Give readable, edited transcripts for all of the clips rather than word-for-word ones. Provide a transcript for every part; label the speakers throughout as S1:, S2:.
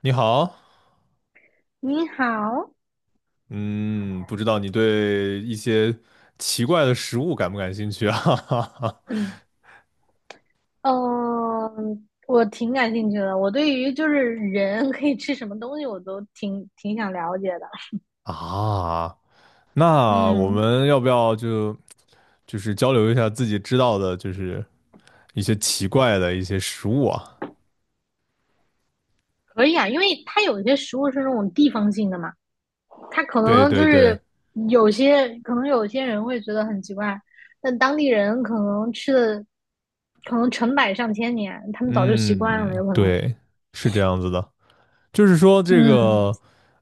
S1: 你好，
S2: 你好。
S1: 嗯，不知道你对一些奇怪的食物感不感兴趣啊？
S2: 嗯，我挺感兴趣的。我对于就是人 可以吃什么东西，我都挺想了解的。
S1: 啊，那我
S2: 嗯，
S1: 们要不要就是交流一下自己知道的，就是一些奇怪的一些食物啊？
S2: 可以啊，因为它有一些食物是那种地方性的嘛，它可
S1: 对
S2: 能就
S1: 对对，
S2: 是有些人会觉得很奇怪，但当地人可能吃的可能成百上千年，他们早就习惯了，
S1: 嗯，
S2: 有可能。
S1: 对，是这样子的，就是说这
S2: 嗯
S1: 个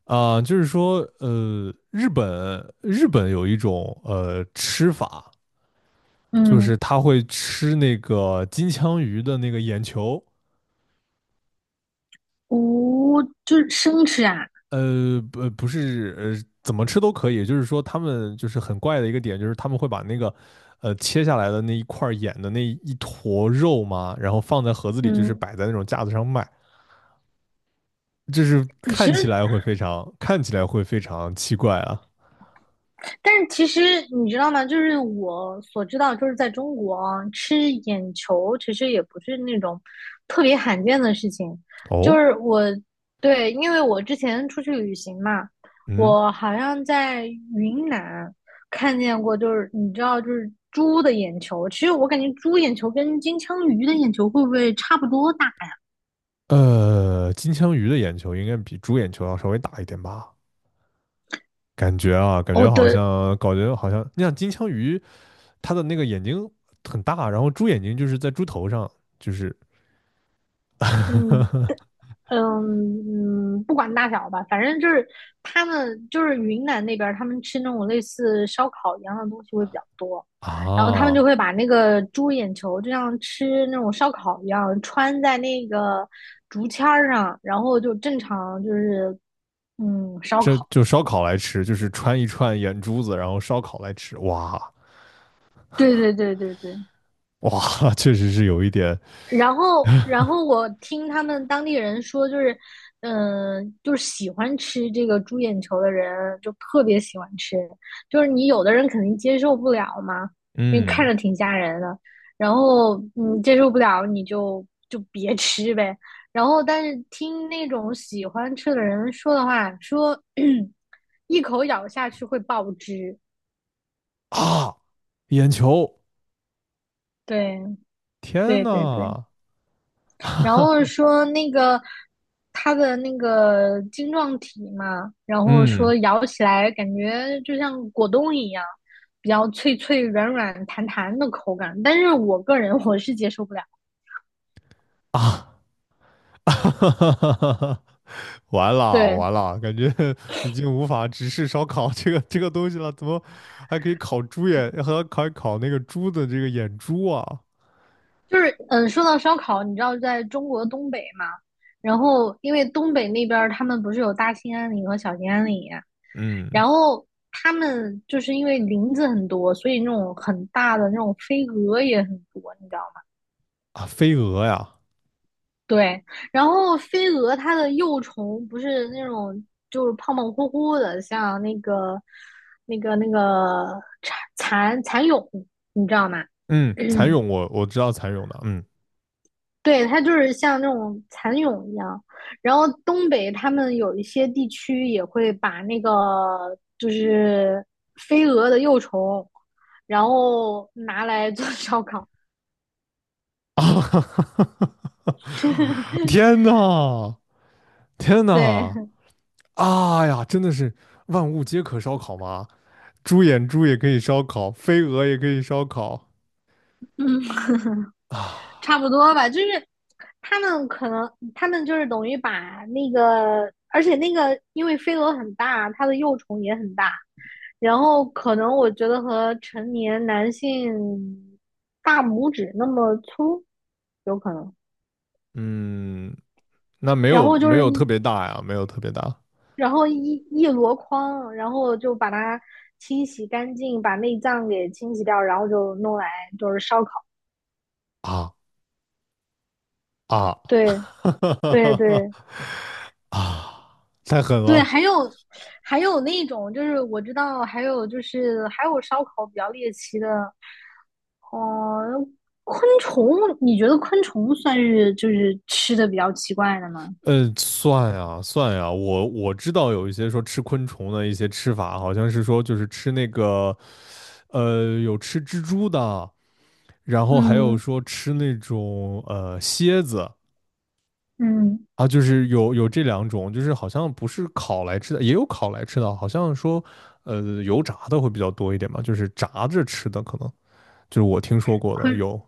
S1: 啊、就是说日本有一种吃法，就
S2: 嗯，
S1: 是他会吃那个金枪鱼的那个眼球。
S2: 无就是生吃啊。
S1: 不，不是，怎么吃都可以。就是说，他们就是很怪的一个点，就是他们会把那个，切下来的那一块眼的那一坨肉嘛，然后放在盒子里，就是
S2: 嗯，
S1: 摆在那种架子上卖，就是
S2: 其实
S1: 看起来会非常奇怪啊。
S2: 其实你知道吗？就是我所知道，就是在中国啊吃眼球其实也不是那种特别罕见的事情。就
S1: 哦，
S2: 是我对，因为我之前出去旅行嘛，
S1: 嗯，
S2: 我好像在云南看见过，就是你知道，就是猪的眼球。其实我感觉猪眼球跟金枪鱼的眼球会不会差不多大？
S1: 金枪鱼的眼球应该比猪眼球要稍微大一点吧？感觉啊，感
S2: 哦，
S1: 觉好
S2: 对，
S1: 像，感觉好像，你想金枪鱼，它的那个眼睛很大，然后猪眼睛就是在猪头上，就是
S2: 嗯，嗯嗯，不管大小吧，反正就是他们就是云南那边他们吃那种类似烧烤一样的东西会比较多，然后他们就
S1: 啊，
S2: 会把那个猪眼球就像吃那种烧烤一样穿在那个竹签儿上，然后就正常就是烧
S1: 这
S2: 烤。
S1: 就烧烤来吃，就是穿一串眼珠子，然后烧烤来吃，哇
S2: 对对对对对，
S1: 哇，确实是有一点，
S2: 然后，然后我听他们当地人说，就是，就是喜欢吃这个猪眼球的人，就特别喜欢吃。就是你有的人肯定接受不了嘛，因为看
S1: 嗯
S2: 着挺吓人的。然后，你接受不了你就别吃呗。然后，但是听那种喜欢吃的人说的话，说 一口咬下去会爆汁。
S1: 啊，眼球，
S2: 对，
S1: 天
S2: 对，对，对。
S1: 呐，
S2: 然后说那个它的那个晶状体嘛，然后
S1: 嗯
S2: 说咬起来感觉就像果冻一样，比较脆脆、软软、弹弹的口感。但是我个人 我是接受不了。
S1: 啊，完了
S2: 对，
S1: 完了，感觉已经无法直视烧烤这个东西了，怎么还可以烤猪眼，还烤那个猪的这个眼珠啊？
S2: 就是说到烧烤，你知道在中国东北嘛？然后因为东北那边儿他们不是有大兴安岭和小兴安岭，
S1: 嗯
S2: 然后他们就是因为林子很多，所以那种很大的那种飞蛾也很多，你知道吗？
S1: 啊，飞蛾呀，
S2: 对，然后飞蛾它的幼虫不是那种就是胖胖乎乎的，像那个蚕蚕蛹，你知道吗？
S1: 嗯，蚕蛹我知道蚕蛹的，嗯
S2: 对，它就是像那种蚕蛹一样。然后东北他们有一些地区也会把那个就是飞蛾的幼虫，然后拿来做烧烤。
S1: 啊。天呐，天
S2: 对，
S1: 呐，啊呀，真的是万物皆可烧烤吗？猪眼猪也可以烧烤，飞蛾也可以烧烤
S2: 嗯。
S1: 啊。
S2: 差不多吧，就是他们就是等于把那个，而且那个因为飞蛾很大，它的幼虫也很大，然后可能我觉得和成年男性大拇指那么粗，有可能。
S1: 嗯，那没
S2: 然
S1: 有
S2: 后就
S1: 没
S2: 是
S1: 有特
S2: 一，
S1: 别大呀，没有特别大
S2: 然后一箩筐，然后就把它清洗干净，把内脏给清洗掉，然后就弄来就是烧烤。
S1: 啊啊，
S2: 对对 对，
S1: 啊，太狠
S2: 对，
S1: 了。
S2: 还有那种，就是我知道，还有烧烤比较猎奇的，哦，昆虫，你觉得昆虫算是就是吃的比较奇怪的吗？
S1: 嗯，算呀算呀，我知道有一些说吃昆虫的一些吃法，好像是说就是吃那个，有吃蜘蛛的。然后还有
S2: 嗯
S1: 说吃那种蝎子
S2: 嗯，
S1: 啊，就是有这两种，就是好像不是烤来吃的，也有烤来吃的，好像说油炸的会比较多一点吧，就是炸着吃的可能就是我听说过的
S2: 昆
S1: 有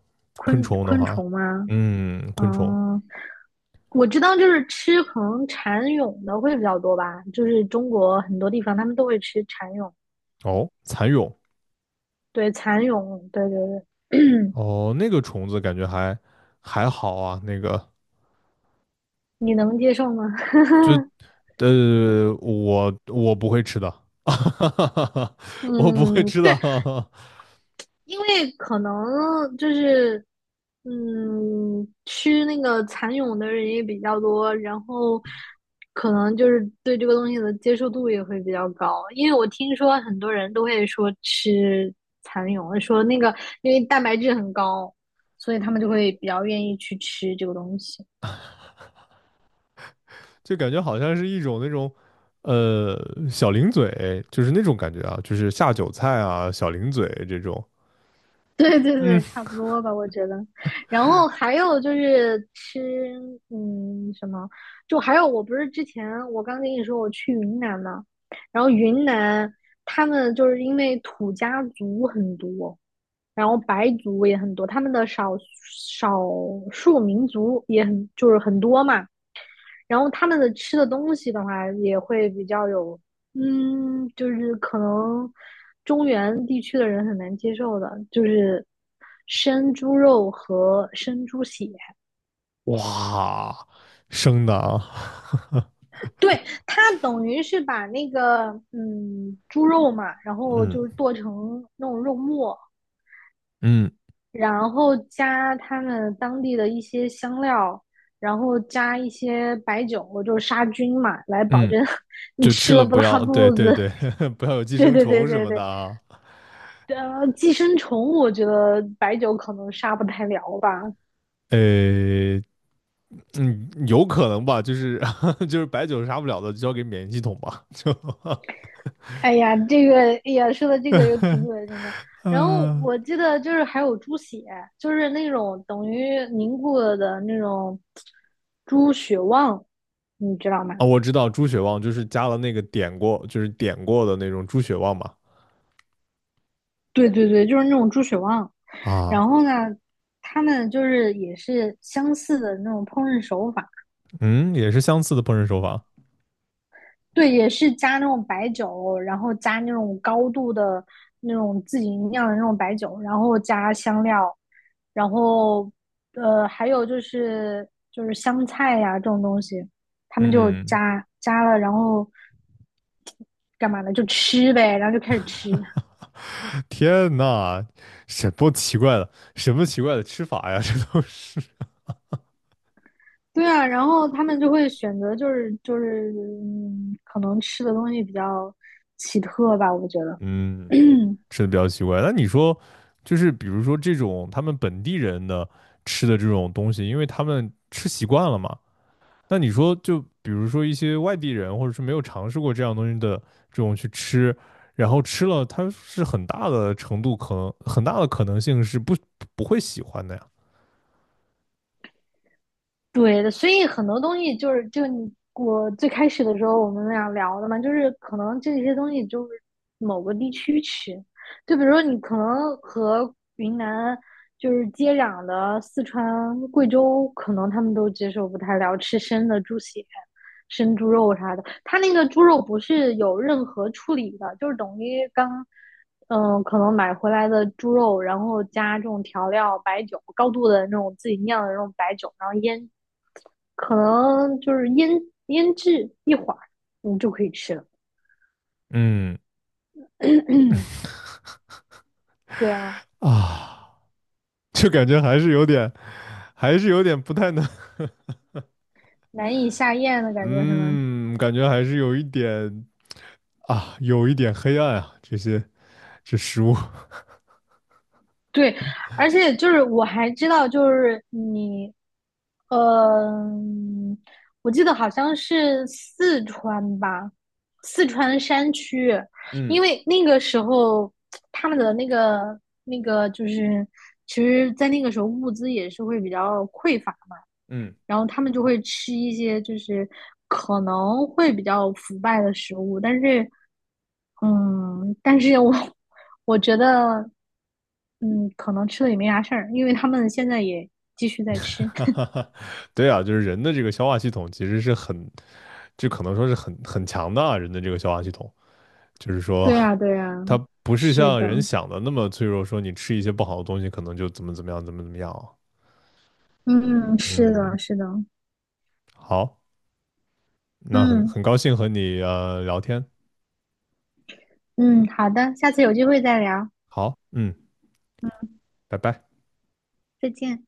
S1: 昆虫的
S2: 昆
S1: 话，
S2: 虫吗？
S1: 嗯，昆虫
S2: 嗯，我知道就是吃可能蚕蛹的会比较多吧，就是中国很多地方他们都会吃蚕蛹，
S1: 哦，蚕蛹
S2: 对，蚕蛹，对对对。
S1: 哦，那个虫子感觉还好啊，那个
S2: 你能接受吗？
S1: 我不会吃的，我不会
S2: 嗯，
S1: 吃
S2: 对，
S1: 的。
S2: 因为可能就是，嗯，吃那个蚕蛹的人也比较多，然后可能就是对这个东西的接受度也会比较高。因为我听说很多人都会说吃蚕蛹，说那个因为蛋白质很高，所以他们就会比较愿意去吃这个东西。
S1: 就感觉好像是一种那种，呃，小零嘴，就是那种感觉啊，就是下酒菜啊，小零嘴这种。
S2: 对对
S1: 嗯，
S2: 对，差不多吧，我觉得。然后还有就是吃，嗯，什么？就还有，我不是之前我刚跟你说我去云南嘛，然后云南他们就是因为土家族很多，然后白族也很多，他们的少数民族也很就是很多嘛。然后他们的吃的东西的话，也会比较有，嗯，就是可能中原地区的人很难接受的，就是生猪肉和生猪血。
S1: 哇，生的啊，
S2: 对，它等于是把那个猪肉嘛，然后就是
S1: 嗯
S2: 剁成那种肉末，
S1: 嗯
S2: 然后加他们当地的一些香料。然后加一些白酒，就是杀菌嘛，来保
S1: 嗯，
S2: 证 你
S1: 就吃
S2: 吃了
S1: 了
S2: 不
S1: 不
S2: 拉
S1: 要，对
S2: 肚
S1: 对
S2: 子。
S1: 对，不要有 寄
S2: 对
S1: 生
S2: 对对
S1: 虫什
S2: 对
S1: 么的
S2: 对，
S1: 啊。
S2: 呃，寄生虫，我觉得白酒可能杀不太了吧。
S1: 呃，嗯，有可能吧，就是 就是白酒杀不了的，就交给免疫系统吧，就
S2: 哎呀，这个，哎呀，说的这个又挺恶心的。然后
S1: 嗯。
S2: 我记得就是还有猪血，就是那种等于凝固了的那种猪血旺，你知道吗？
S1: 啊，我知道猪血旺就是加了那个点过，就是点过的那种猪血旺嘛。
S2: 对对对，就是那种猪血旺。然
S1: 啊，
S2: 后呢，他们就是也是相似的那种烹饪手法，
S1: 嗯，也是相似的烹饪手法。
S2: 对，也是加那种白酒，然后加那种高度的那种自己酿的那种白酒，然后加香料，然后还有就是就是香菜呀、这种东西，他们就
S1: 嗯，
S2: 加了，然后干嘛呢？就吃呗，然后就开始吃。
S1: 天呐，什么奇怪的，什么奇怪的吃法呀？这都是，
S2: 对啊，然后他们就会选择可能吃的东西比较奇特吧，我觉得。
S1: 嗯，吃的比较奇怪。那你说，就是比如说这种他们本地人的吃的这种东西，因为他们吃习惯了嘛。那你说，就比如说一些外地人，或者是没有尝试过这样东西的这种去吃，然后吃了，它是很大的程度可能，很大的可能性是不会喜欢的呀。
S2: 对的，所以很多东西就是你我最开始的时候我们俩聊的嘛，就是可能这些东西就是某个地区吃，就比如说你可能和云南就是接壤的四川、贵州，可能他们都接受不太了吃生的猪血、生猪肉啥的。它那个猪肉不是有任何处理的，就是等于刚可能买回来的猪肉，然后加这种调料、白酒，高度的那种自己酿的那种白酒，然后腌可能就是腌腌制一会儿，你就可以吃了。
S1: 嗯
S2: 对啊，
S1: 啊。就感觉还是有点，还是有点不太能，
S2: 难以下咽的感觉是吗？
S1: 嗯，感觉还是有一点啊，有一点黑暗啊，这些这食物，
S2: 对，而且就是我还知道，就是你，嗯、我记得好像是四川吧，四川山区，因
S1: 嗯
S2: 为那个时候他们的那个就是，其实，在那个时候物资也是会比较匮乏，
S1: 嗯，
S2: 然后他们就会吃一些就是可能会比较腐败的食物，但是嗯，但是我觉得，嗯，可能吃了也没啥事儿，因为他们现在也继续在吃。
S1: 哈哈 哈，对啊，就是人的这个消化系统其实是很，就可能说是很强的啊，人的这个消化系统，就是说
S2: 对呀，对呀，
S1: 它不是
S2: 是
S1: 像
S2: 的，
S1: 人想的那么脆弱，说你吃一些不好的东西可能就怎么怎么样，怎么怎么样啊，
S2: 嗯，是的，
S1: 嗯，
S2: 是的，
S1: 好，那很
S2: 嗯
S1: 很高兴和你聊天，
S2: 嗯，好的，下次有机会再聊，
S1: 好，嗯，拜拜。
S2: 再见。